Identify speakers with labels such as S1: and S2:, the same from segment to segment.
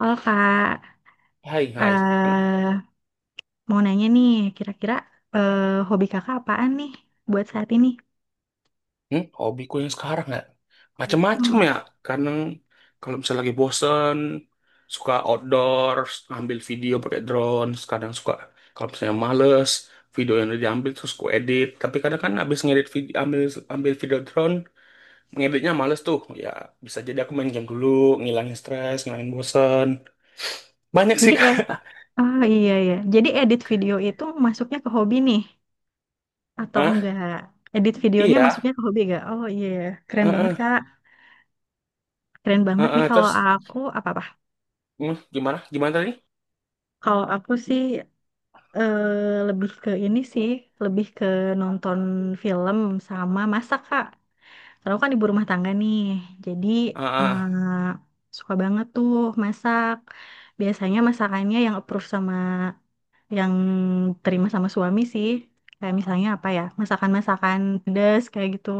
S1: Oh kak,
S2: Hai, hai.
S1: eh mau nanya nih, kira-kira eh, hobi kakak apaan nih buat saat ini?
S2: Hobiku yang sekarang ya, macem-macem
S1: Hmm.
S2: ya. Kadang kalau misalnya lagi bosen, suka outdoor, ambil video pakai drone. Kadang suka, kalau misalnya males, video yang udah diambil terus ku edit. Tapi kadang kan abis ngedit video, ambil video drone, ngeditnya males tuh. Ya, bisa jadi aku main game dulu, ngilangin stres, ngilangin bosen. Banyak sih,
S1: Jadi
S2: Kak.
S1: oh iya ya, jadi edit video itu masuknya ke hobi nih atau
S2: Hah?
S1: enggak? Edit videonya
S2: Iya.
S1: masuknya ke hobi enggak? Oh iya, iya. Keren banget
S2: Heeh.
S1: kak, keren banget nih
S2: Heeh.
S1: kalau
S2: Terus,
S1: aku apa apa?
S2: gimana? Gimana tadi?
S1: Kalau aku sih lebih ke ini sih, lebih ke nonton film sama masak kak. Kalau aku kan ibu rumah tangga nih, jadi
S2: Heeh.
S1: eh, suka banget tuh masak. Biasanya masakannya yang approve sama yang terima sama suami sih. Kayak misalnya apa ya, masakan-masakan pedas kayak gitu.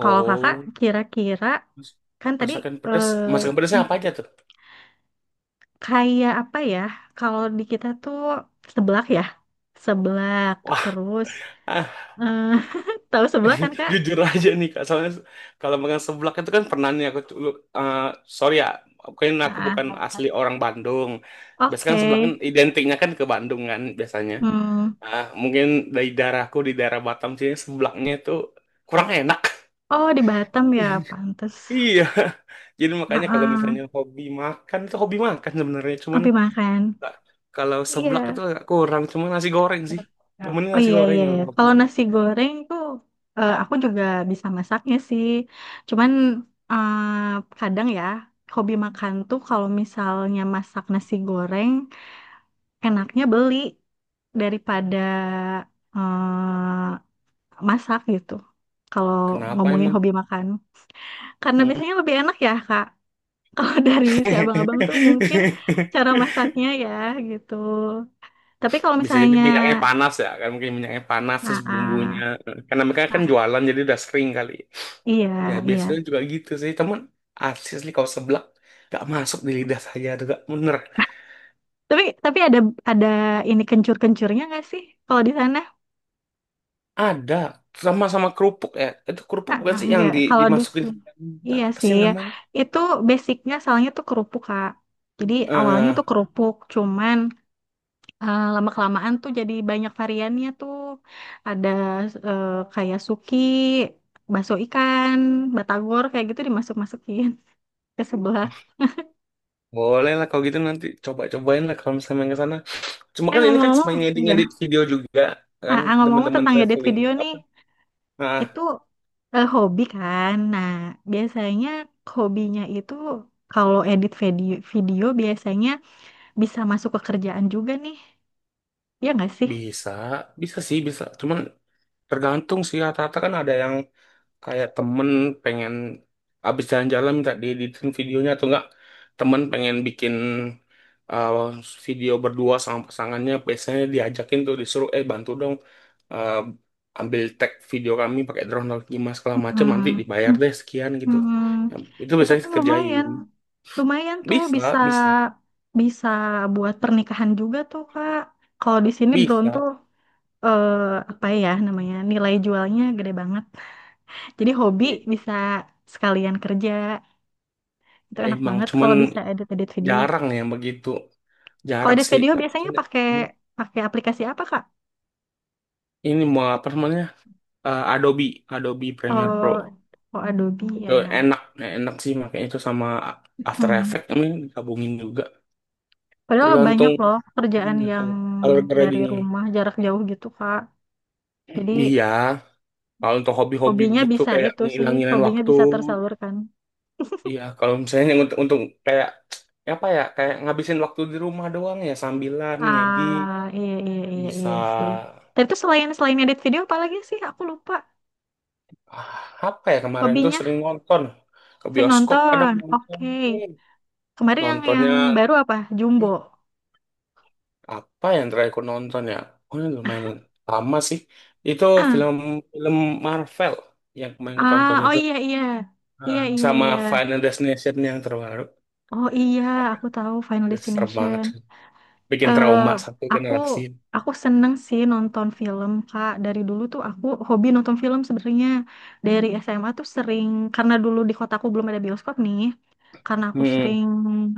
S1: Kalau kakak kira-kira
S2: Mas-
S1: kan tadi
S2: Masakan pedas,
S1: eh,
S2: masakan pedasnya
S1: m-
S2: apa aja tuh?
S1: kayak apa ya? Kalau di kita tuh seblak ya, seblak
S2: Wah,
S1: terus
S2: ah,
S1: eh, tahu seblak kan kak?
S2: jujur aja nih Kak, soalnya kalau makan seblak itu kan pernah nih aku dulu, eh, sorry ya, mungkin aku
S1: Ah,
S2: bukan asli orang Bandung. Biasanya kan seblak
S1: oke.
S2: kan identiknya kan ke Bandung kan biasanya.
S1: Hmm.
S2: Ah, mungkin dari daerahku di daerah Batam sini seblaknya itu kurang enak.
S1: Oh, di Batam ya, pantes.
S2: Iya, jadi makanya kalau
S1: Heeh,
S2: misalnya hobi makan itu hobi makan sebenarnya, cuman
S1: ngopi makan.
S2: nah, kalau seblak itu
S1: Iya.
S2: agak kurang, cuman nasi goreng sih. Temennya
S1: Oh
S2: nasi
S1: iya
S2: goreng
S1: iya iya.
S2: kalau hobi.
S1: Kalau nasi goreng tuh aku juga bisa masaknya sih. Cuman eh, kadang ya hobi makan tuh kalau misalnya masak nasi goreng enaknya beli daripada eh, masak gitu. Kalau
S2: Kenapa
S1: ngomongin
S2: emang?
S1: hobi makan. Karena
S2: Hmm.
S1: biasanya lebih enak ya, Kak. Kalau dari si abang-abang tuh mungkin cara masaknya ya gitu. Tapi kalau
S2: Bisa jadi
S1: misalnya,
S2: minyaknya panas ya, kan mungkin minyaknya panas
S1: nah,
S2: terus
S1: ah,
S2: bumbunya. Karena mereka
S1: nah,
S2: kan
S1: ah.
S2: jualan jadi udah sering kali.
S1: Iya,
S2: Ya
S1: iya.
S2: biasanya juga gitu sih, teman. Asli kalau seblak gak masuk di lidah saya tuh gak bener.
S1: Tapi ada ini kencur-kencurnya nggak sih kalau di sana?
S2: Ada sama sama kerupuk ya. Itu kerupuk
S1: Ah,
S2: bukan
S1: ah,
S2: sih yang
S1: nggak.
S2: di,
S1: Kalau di
S2: dimasukin
S1: sini, iya
S2: apa sih
S1: sih.
S2: namanya?
S1: Itu basicnya soalnya tuh kerupuk Kak. Jadi awalnya
S2: Eh,
S1: tuh kerupuk, cuman lama-kelamaan tuh jadi banyak variannya tuh. Ada eh, kayak suki, bakso ikan, batagor kayak gitu dimasuk-masukin ke sebelah.
S2: Boleh lah kalau gitu nanti coba-cobain lah kalau misalnya main ke sana. Cuma kan ini kan cuma
S1: Ngomong-ngomong, gimana?
S2: ngedit-ngedit video juga
S1: Ah,
S2: kan
S1: ah, ngomong-ngomong
S2: teman-teman
S1: tentang edit
S2: traveling
S1: video nih,
S2: apa, eh,
S1: itu hobi kan. Nah, biasanya hobinya itu kalau edit video biasanya bisa masuk ke kerjaan juga nih. Ya nggak sih?
S2: bisa, bisa sih, bisa. Cuman tergantung sih, rata-rata kan ada yang kayak temen pengen abis jalan-jalan minta dieditin videonya atau enggak. Temen pengen bikin uh, video berdua sama pasangannya, biasanya diajakin tuh disuruh, eh bantu dong, uh, ambil tag video kami pakai drone atau gimana segala macam, nanti
S1: Hmm.
S2: dibayar deh sekian gitu.
S1: Hmm,
S2: Ya, itu
S1: itu
S2: biasanya
S1: kan lumayan,
S2: kerjain.
S1: lumayan tuh
S2: Bisa,
S1: bisa
S2: bisa,
S1: bisa buat pernikahan juga tuh Kak. Kalau di sini drone
S2: bisa.
S1: tuh eh, apa ya namanya nilai jualnya gede banget. Jadi hobi
S2: Iya.
S1: bisa sekalian kerja, itu enak
S2: Emang
S1: banget
S2: cuman
S1: kalau bisa edit-edit video.
S2: jarang yang begitu.
S1: Kalau
S2: Jarak
S1: edit
S2: sih.
S1: video biasanya
S2: Maksudnya,
S1: pakai pakai aplikasi apa Kak?
S2: ini mau apa namanya? Eh, Adobe, Adobe Premiere Pro.
S1: Oh, oh Adobe
S2: Itu
S1: ya.
S2: enak, enak sih makanya itu sama After
S1: Hmm.
S2: Effects ini digabungin juga.
S1: Padahal banyak
S2: Tergantung
S1: loh kerjaan
S2: ini
S1: yang
S2: kalau color
S1: dari
S2: gradingnya.
S1: rumah jarak jauh gitu Kak. Jadi
S2: Iya, kalau untuk hobi-hobi
S1: hobinya
S2: begitu
S1: bisa
S2: kayak
S1: itu sih,
S2: ngilangin
S1: hobinya
S2: waktu,
S1: bisa tersalurkan.
S2: iya kalau misalnya yang untuk kayak ya apa ya, kayak ngabisin waktu di rumah doang ya sambilan ngedit
S1: Ah, iya iya iya
S2: bisa.
S1: iya sih. Tapi itu selain selain edit video apa lagi sih? Aku lupa.
S2: Ah, apa ya kemarin tuh
S1: Hobinya
S2: sering nonton ke
S1: sering
S2: bioskop kadang
S1: nonton.
S2: nonton.
S1: Oke.
S2: Hmm.
S1: Kemarin yang
S2: Nontonnya
S1: yang baru apa? Jumbo.
S2: hmm, apa yang terakhir aku nonton ya, oh ini lumayan lama sih itu film film Marvel yang kemarin aku tonton
S1: Ah, oh
S2: itu.
S1: iya iya. Iya
S2: Ah,
S1: iya
S2: sama
S1: iya.
S2: Final Destination yang terbaru.
S1: Oh iya,
S2: Aduh,
S1: aku tahu Final
S2: itu serem
S1: Destination.
S2: banget bikin
S1: Eh,
S2: trauma satu
S1: aku
S2: generasi.
S1: aku seneng sih nonton film Kak. Dari dulu tuh aku hobi nonton film sebenarnya. Dari SMA tuh sering karena dulu di kotaku belum ada bioskop nih. Karena aku
S2: Hmm.
S1: sering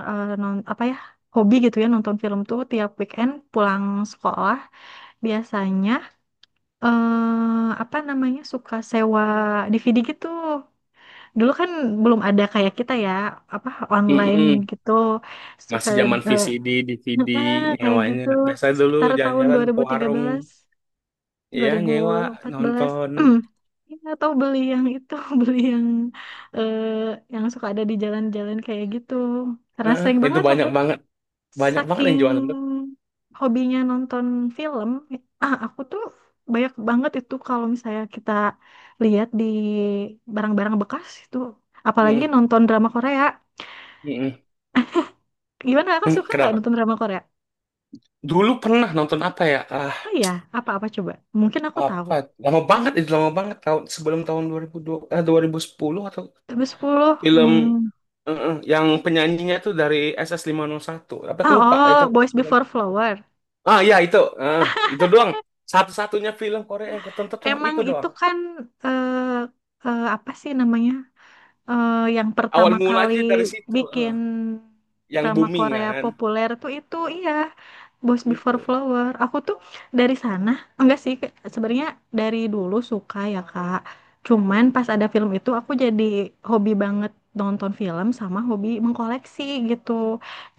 S1: eh, non apa ya hobi gitu ya nonton film tuh tiap weekend pulang sekolah biasanya apa namanya suka sewa DVD gitu. Dulu kan belum ada kayak kita ya apa online
S2: Mm-mm.
S1: gitu suka
S2: Masih zaman
S1: eh,
S2: VCD DVD
S1: Heeh, kayak
S2: nyewanya
S1: gitu
S2: biasa dulu
S1: sekitar tahun dua
S2: jalan-jalan
S1: dua
S2: ke
S1: ribu ribu tiga
S2: warung,
S1: belas dua
S2: ya
S1: ribu
S2: nyewa
S1: empat belas
S2: nonton.
S1: Ya, atau beli yang itu, beli yang eh, suka ada di jalan-jalan kayak gitu. Karena
S2: Heeh,
S1: sering
S2: itu
S1: banget hobi,
S2: banyak banget yang jualan tuh.
S1: saking hobinya nonton film. Ah, aku tuh banyak banget itu kalau misalnya kita lihat di barang-barang bekas itu, apalagi
S2: Heeh,
S1: nonton drama Korea.
S2: heeh.
S1: Gimana kakak suka nggak
S2: Kenapa?
S1: nonton drama Korea?
S2: Dulu pernah nonton apa ya? Ah,
S1: Oh iya, apa-apa coba. Mungkin aku tahu.
S2: apa? Lama banget itu lama banget tahun sebelum tahun 2002, eh, 2010 atau
S1: Sampai 10.
S2: film,
S1: Hmm.
S2: heeh, yang penyanyinya tuh dari ss satu. Apa aku lupa
S1: Ah,
S2: itu.
S1: oh, Boys Before Flower.
S2: Ah iya itu, ah, itu doang. Satu-satunya film Korea yang aku tonton cuma
S1: Emang
S2: itu
S1: itu
S2: doang.
S1: kan eh, apa sih namanya? Yang
S2: Awal
S1: pertama
S2: mula
S1: kali
S2: aja dari situ,
S1: bikin
S2: ah. Yang
S1: drama
S2: booming
S1: Korea
S2: kan,
S1: populer tuh itu iya. Boys Before
S2: itu.
S1: Flower. Aku tuh dari sana, enggak sih, sebenarnya dari dulu suka ya, Kak. Cuman
S2: Hmm.
S1: pas ada film itu aku jadi hobi banget nonton film sama hobi mengkoleksi gitu.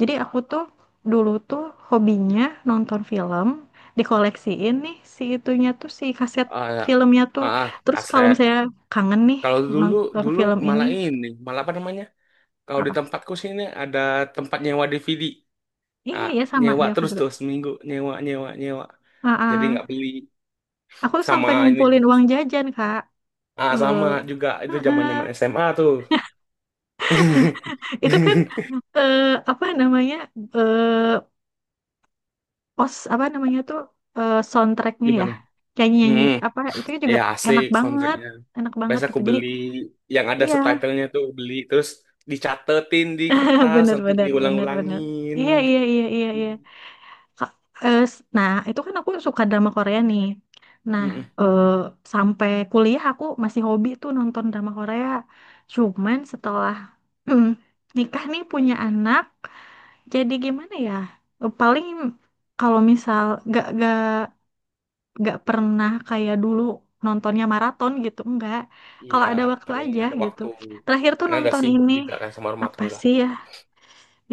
S1: Jadi aku tuh dulu tuh hobinya nonton film, dikoleksiin nih si itunya tuh si kaset
S2: Ah, ya.
S1: filmnya tuh.
S2: Ah, ah,
S1: Terus kalau
S2: kaset.
S1: misalnya kangen nih
S2: Kalau dulu
S1: nonton
S2: dulu
S1: film ini
S2: malah ini, malah apa namanya? Kalau di
S1: apa?
S2: tempatku sini ada tempat nyewa DVD.
S1: Iya,
S2: Nah,
S1: iya sama
S2: nyewa
S1: dia aku
S2: terus
S1: juga.
S2: tuh seminggu nyewa nyewa nyewa.
S1: Ah,
S2: Jadi nggak
S1: ah.
S2: beli
S1: Aku tuh
S2: sama
S1: sampai
S2: ini.
S1: ngumpulin uang jajan, Kak.
S2: Ah, sama
S1: Eh,
S2: juga itu zaman-zaman
S1: Heeh.
S2: SMA tuh.
S1: Itu kan eh, apa namanya eh pos apa namanya tuh soundtracknya ya,
S2: Gimana?
S1: nyanyi-nyanyi
S2: Hmm,
S1: apa itu kan juga
S2: ya asik
S1: enak banget
S2: soundtracknya.
S1: enak banget
S2: Biasa aku
S1: gitu jadi
S2: beli yang ada
S1: iya.
S2: subtitlenya tuh beli terus dicatetin di kertas
S1: Bener
S2: nanti
S1: bener bener bener,
S2: diulang-ulangin.
S1: iya iya iya iya iya. Ka- nah itu kan aku suka drama Korea nih, nah
S2: Hmm, hmm.
S1: eh, sampai kuliah aku masih hobi tuh nonton drama Korea cuman setelah nikah nih punya anak jadi gimana ya paling kalau misal gak gak gak pernah kayak dulu nontonnya maraton gitu enggak, kalau
S2: Iya,
S1: ada waktu
S2: paling
S1: aja
S2: ada
S1: gitu.
S2: waktu.
S1: Terakhir tuh
S2: Karena ada
S1: nonton
S2: sibuk
S1: ini
S2: juga kan sama rumah
S1: apa
S2: tangga.
S1: sih ya,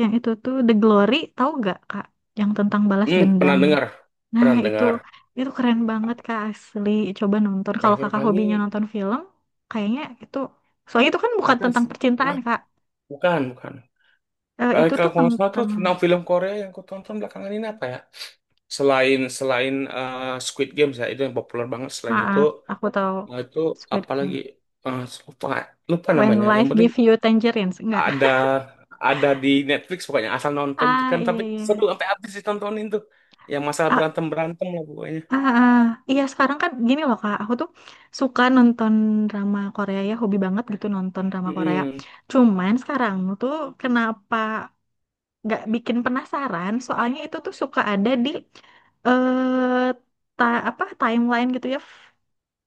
S1: yang itu tuh The Glory, tahu gak Kak, yang tentang balas
S2: Pernah
S1: dendam,
S2: dengar.
S1: nah
S2: Pernah
S1: itu
S2: dengar.
S1: itu keren banget Kak asli. Coba nonton kalau
S2: Terakhir
S1: Kakak
S2: kali
S1: hobinya nonton film, kayaknya itu soalnya itu kan bukan
S2: ada
S1: tentang
S2: sih.
S1: percintaan
S2: Nah,
S1: Kak.
S2: bukan, bukan. Kali
S1: Itu
S2: kalau
S1: tuh
S2: nggak salah tuh
S1: tentang,
S2: tentang film Korea yang aku tonton belakangan ini apa ya? Selain selain eh, Squid Games ya, itu yang populer banget. Selain itu,
S1: maaf aku tahu
S2: nah itu
S1: Squid
S2: apalagi,
S1: Game.
S2: eh, lupa lupa
S1: When
S2: namanya. Yang
S1: life
S2: penting
S1: give you tangerines, enggak.
S2: ada ada di Netflix pokoknya asal nonton
S1: Ah,
S2: kan
S1: iya
S2: tapi
S1: iya.
S2: seru sampai habis ditontonin tuh. Yang masalah
S1: Ah,
S2: berantem berantem lah pokoknya.
S1: ah, ah. Ah. Iya, sekarang kan gini loh Kak, aku tuh suka nonton drama Korea ya, hobi banget gitu nonton drama Korea.
S2: Mm-mm.
S1: Cuman sekarang tuh kenapa nggak bikin penasaran? Soalnya itu tuh suka ada di eh ta apa timeline gitu ya,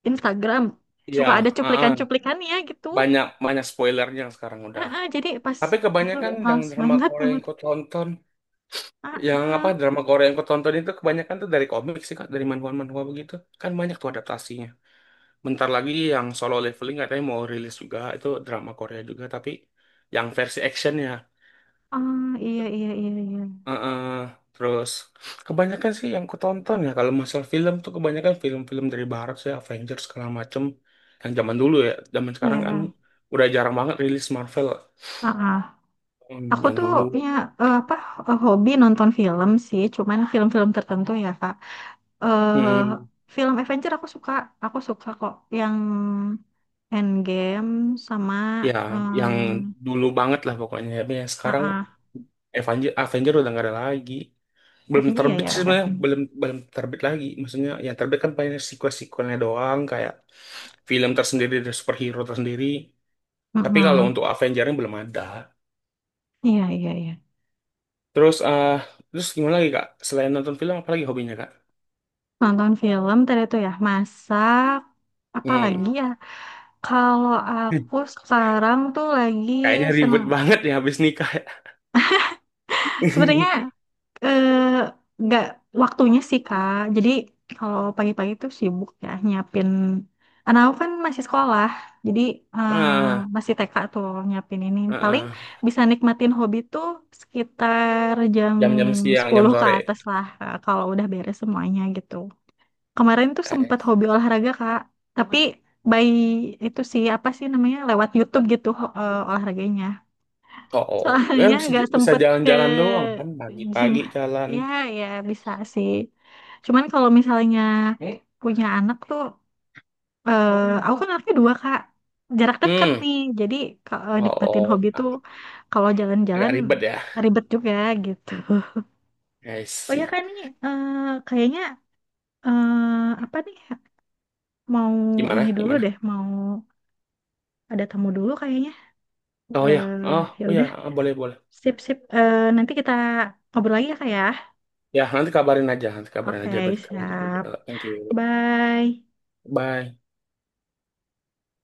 S1: Instagram.
S2: Iya,
S1: Suka ada
S2: ah-ah.
S1: cuplikan-cuplikannya gitu.
S2: Banyak banyak spoilernya sekarang
S1: Ah,
S2: udah.
S1: ah, jadi pas
S2: Tapi kebanyakan yang
S1: males
S2: drama
S1: banget,
S2: Korea
S1: banget.
S2: yang ku tonton,
S1: Ah,
S2: yang apa
S1: ah.
S2: drama Korea yang ku tonton itu kebanyakan tuh dari komik sih kak, dari manhwa-manhwa begitu. Kan banyak tuh adaptasinya. Bentar lagi yang Solo Leveling katanya mau rilis juga, itu drama Korea juga, tapi yang versi actionnya.
S1: Ah, iya iya iya iya.
S2: Heeh. Terus kebanyakan sih yang ku tonton ya kalau masalah film tuh kebanyakan film-film dari barat sih Avengers segala macem yang zaman dulu ya zaman sekarang kan
S1: Ya.
S2: udah jarang banget rilis Marvel.
S1: Ah. Aku
S2: Yang
S1: tuh
S2: dulu,
S1: punya eh, apa hobi nonton film sih, cuman film-film tertentu ya Kak. eh
S2: hmm,
S1: Film Avenger aku suka kok yang Endgame sama
S2: ya yang
S1: eh,
S2: dulu banget lah pokoknya tapi yang
S1: ah
S2: sekarang
S1: ah,
S2: Avenger Avenger udah nggak ada lagi, belum
S1: Avenger ya
S2: terbit
S1: ya
S2: sih
S1: ada.
S2: sebenarnya belum belum terbit lagi maksudnya yang terbit kan paling sequel-sequelnya doang kayak film tersendiri dari superhero tersendiri tapi kalau
S1: Mm-mm.
S2: untuk Avengernya belum ada.
S1: Iya iya iya.
S2: terus eh Terus gimana lagi kak, selain nonton film apa lagi hobinya kak?
S1: Nonton film tadi tuh ya masak apa
S2: hmm.
S1: lagi ya? Kalau aku sekarang tuh lagi
S2: Kayaknya ribet
S1: seneng.
S2: banget ya habis nikah ya.
S1: Sebenarnya Eh, nggak waktunya sih Kak. Jadi kalau pagi-pagi tuh sibuk ya nyiapin. Anak aku kan masih sekolah, jadi eh,
S2: Ah,
S1: masih TK tuh nyiapin ini.
S2: ah,
S1: Paling
S2: ah.
S1: bisa nikmatin hobi tuh sekitar jam
S2: Jam-jam siang jam
S1: 10 ke
S2: sore.
S1: atas lah Kak, kalau udah beres semuanya gitu. Kemarin tuh
S2: Eh,
S1: sempet hobi olahraga Kak, tapi by itu sih apa sih namanya lewat YouTube gitu olahraganya.
S2: Oh, oh. Kan
S1: Soalnya
S2: bisa
S1: nggak
S2: bisa
S1: sempet ke
S2: jalan-jalan doang kan
S1: gym.
S2: pagi-pagi jalan.
S1: Ya, ya bisa sih. Cuman kalau misalnya punya anak tuh, eh, aku kan anaknya dua Kak. Jarak deket
S2: Hmm.
S1: nih. Jadi kalau
S2: Oh,
S1: nikmatin hobi
S2: oh. Nah,
S1: tuh kalau
S2: agak
S1: jalan-jalan
S2: ribet ya.
S1: ribet juga gitu.
S2: I
S1: Oh ya
S2: see.
S1: kan nih, kayaknya apa nih? Mau ini
S2: Gimana?
S1: dulu
S2: Gimana?
S1: deh, mau ada tamu dulu kayaknya.
S2: Oh ya. Oh,
S1: Ya
S2: oh ya.
S1: udah,
S2: Ah, boleh, boleh.
S1: sip sip. Nanti kita ngobrol lagi ya Kak ya.
S2: Ya, nanti kabarin aja. Nanti kabarin
S1: Oke,
S2: aja biar kita lanjut lagi.
S1: siap.
S2: Thank you.
S1: Bye.
S2: Bye.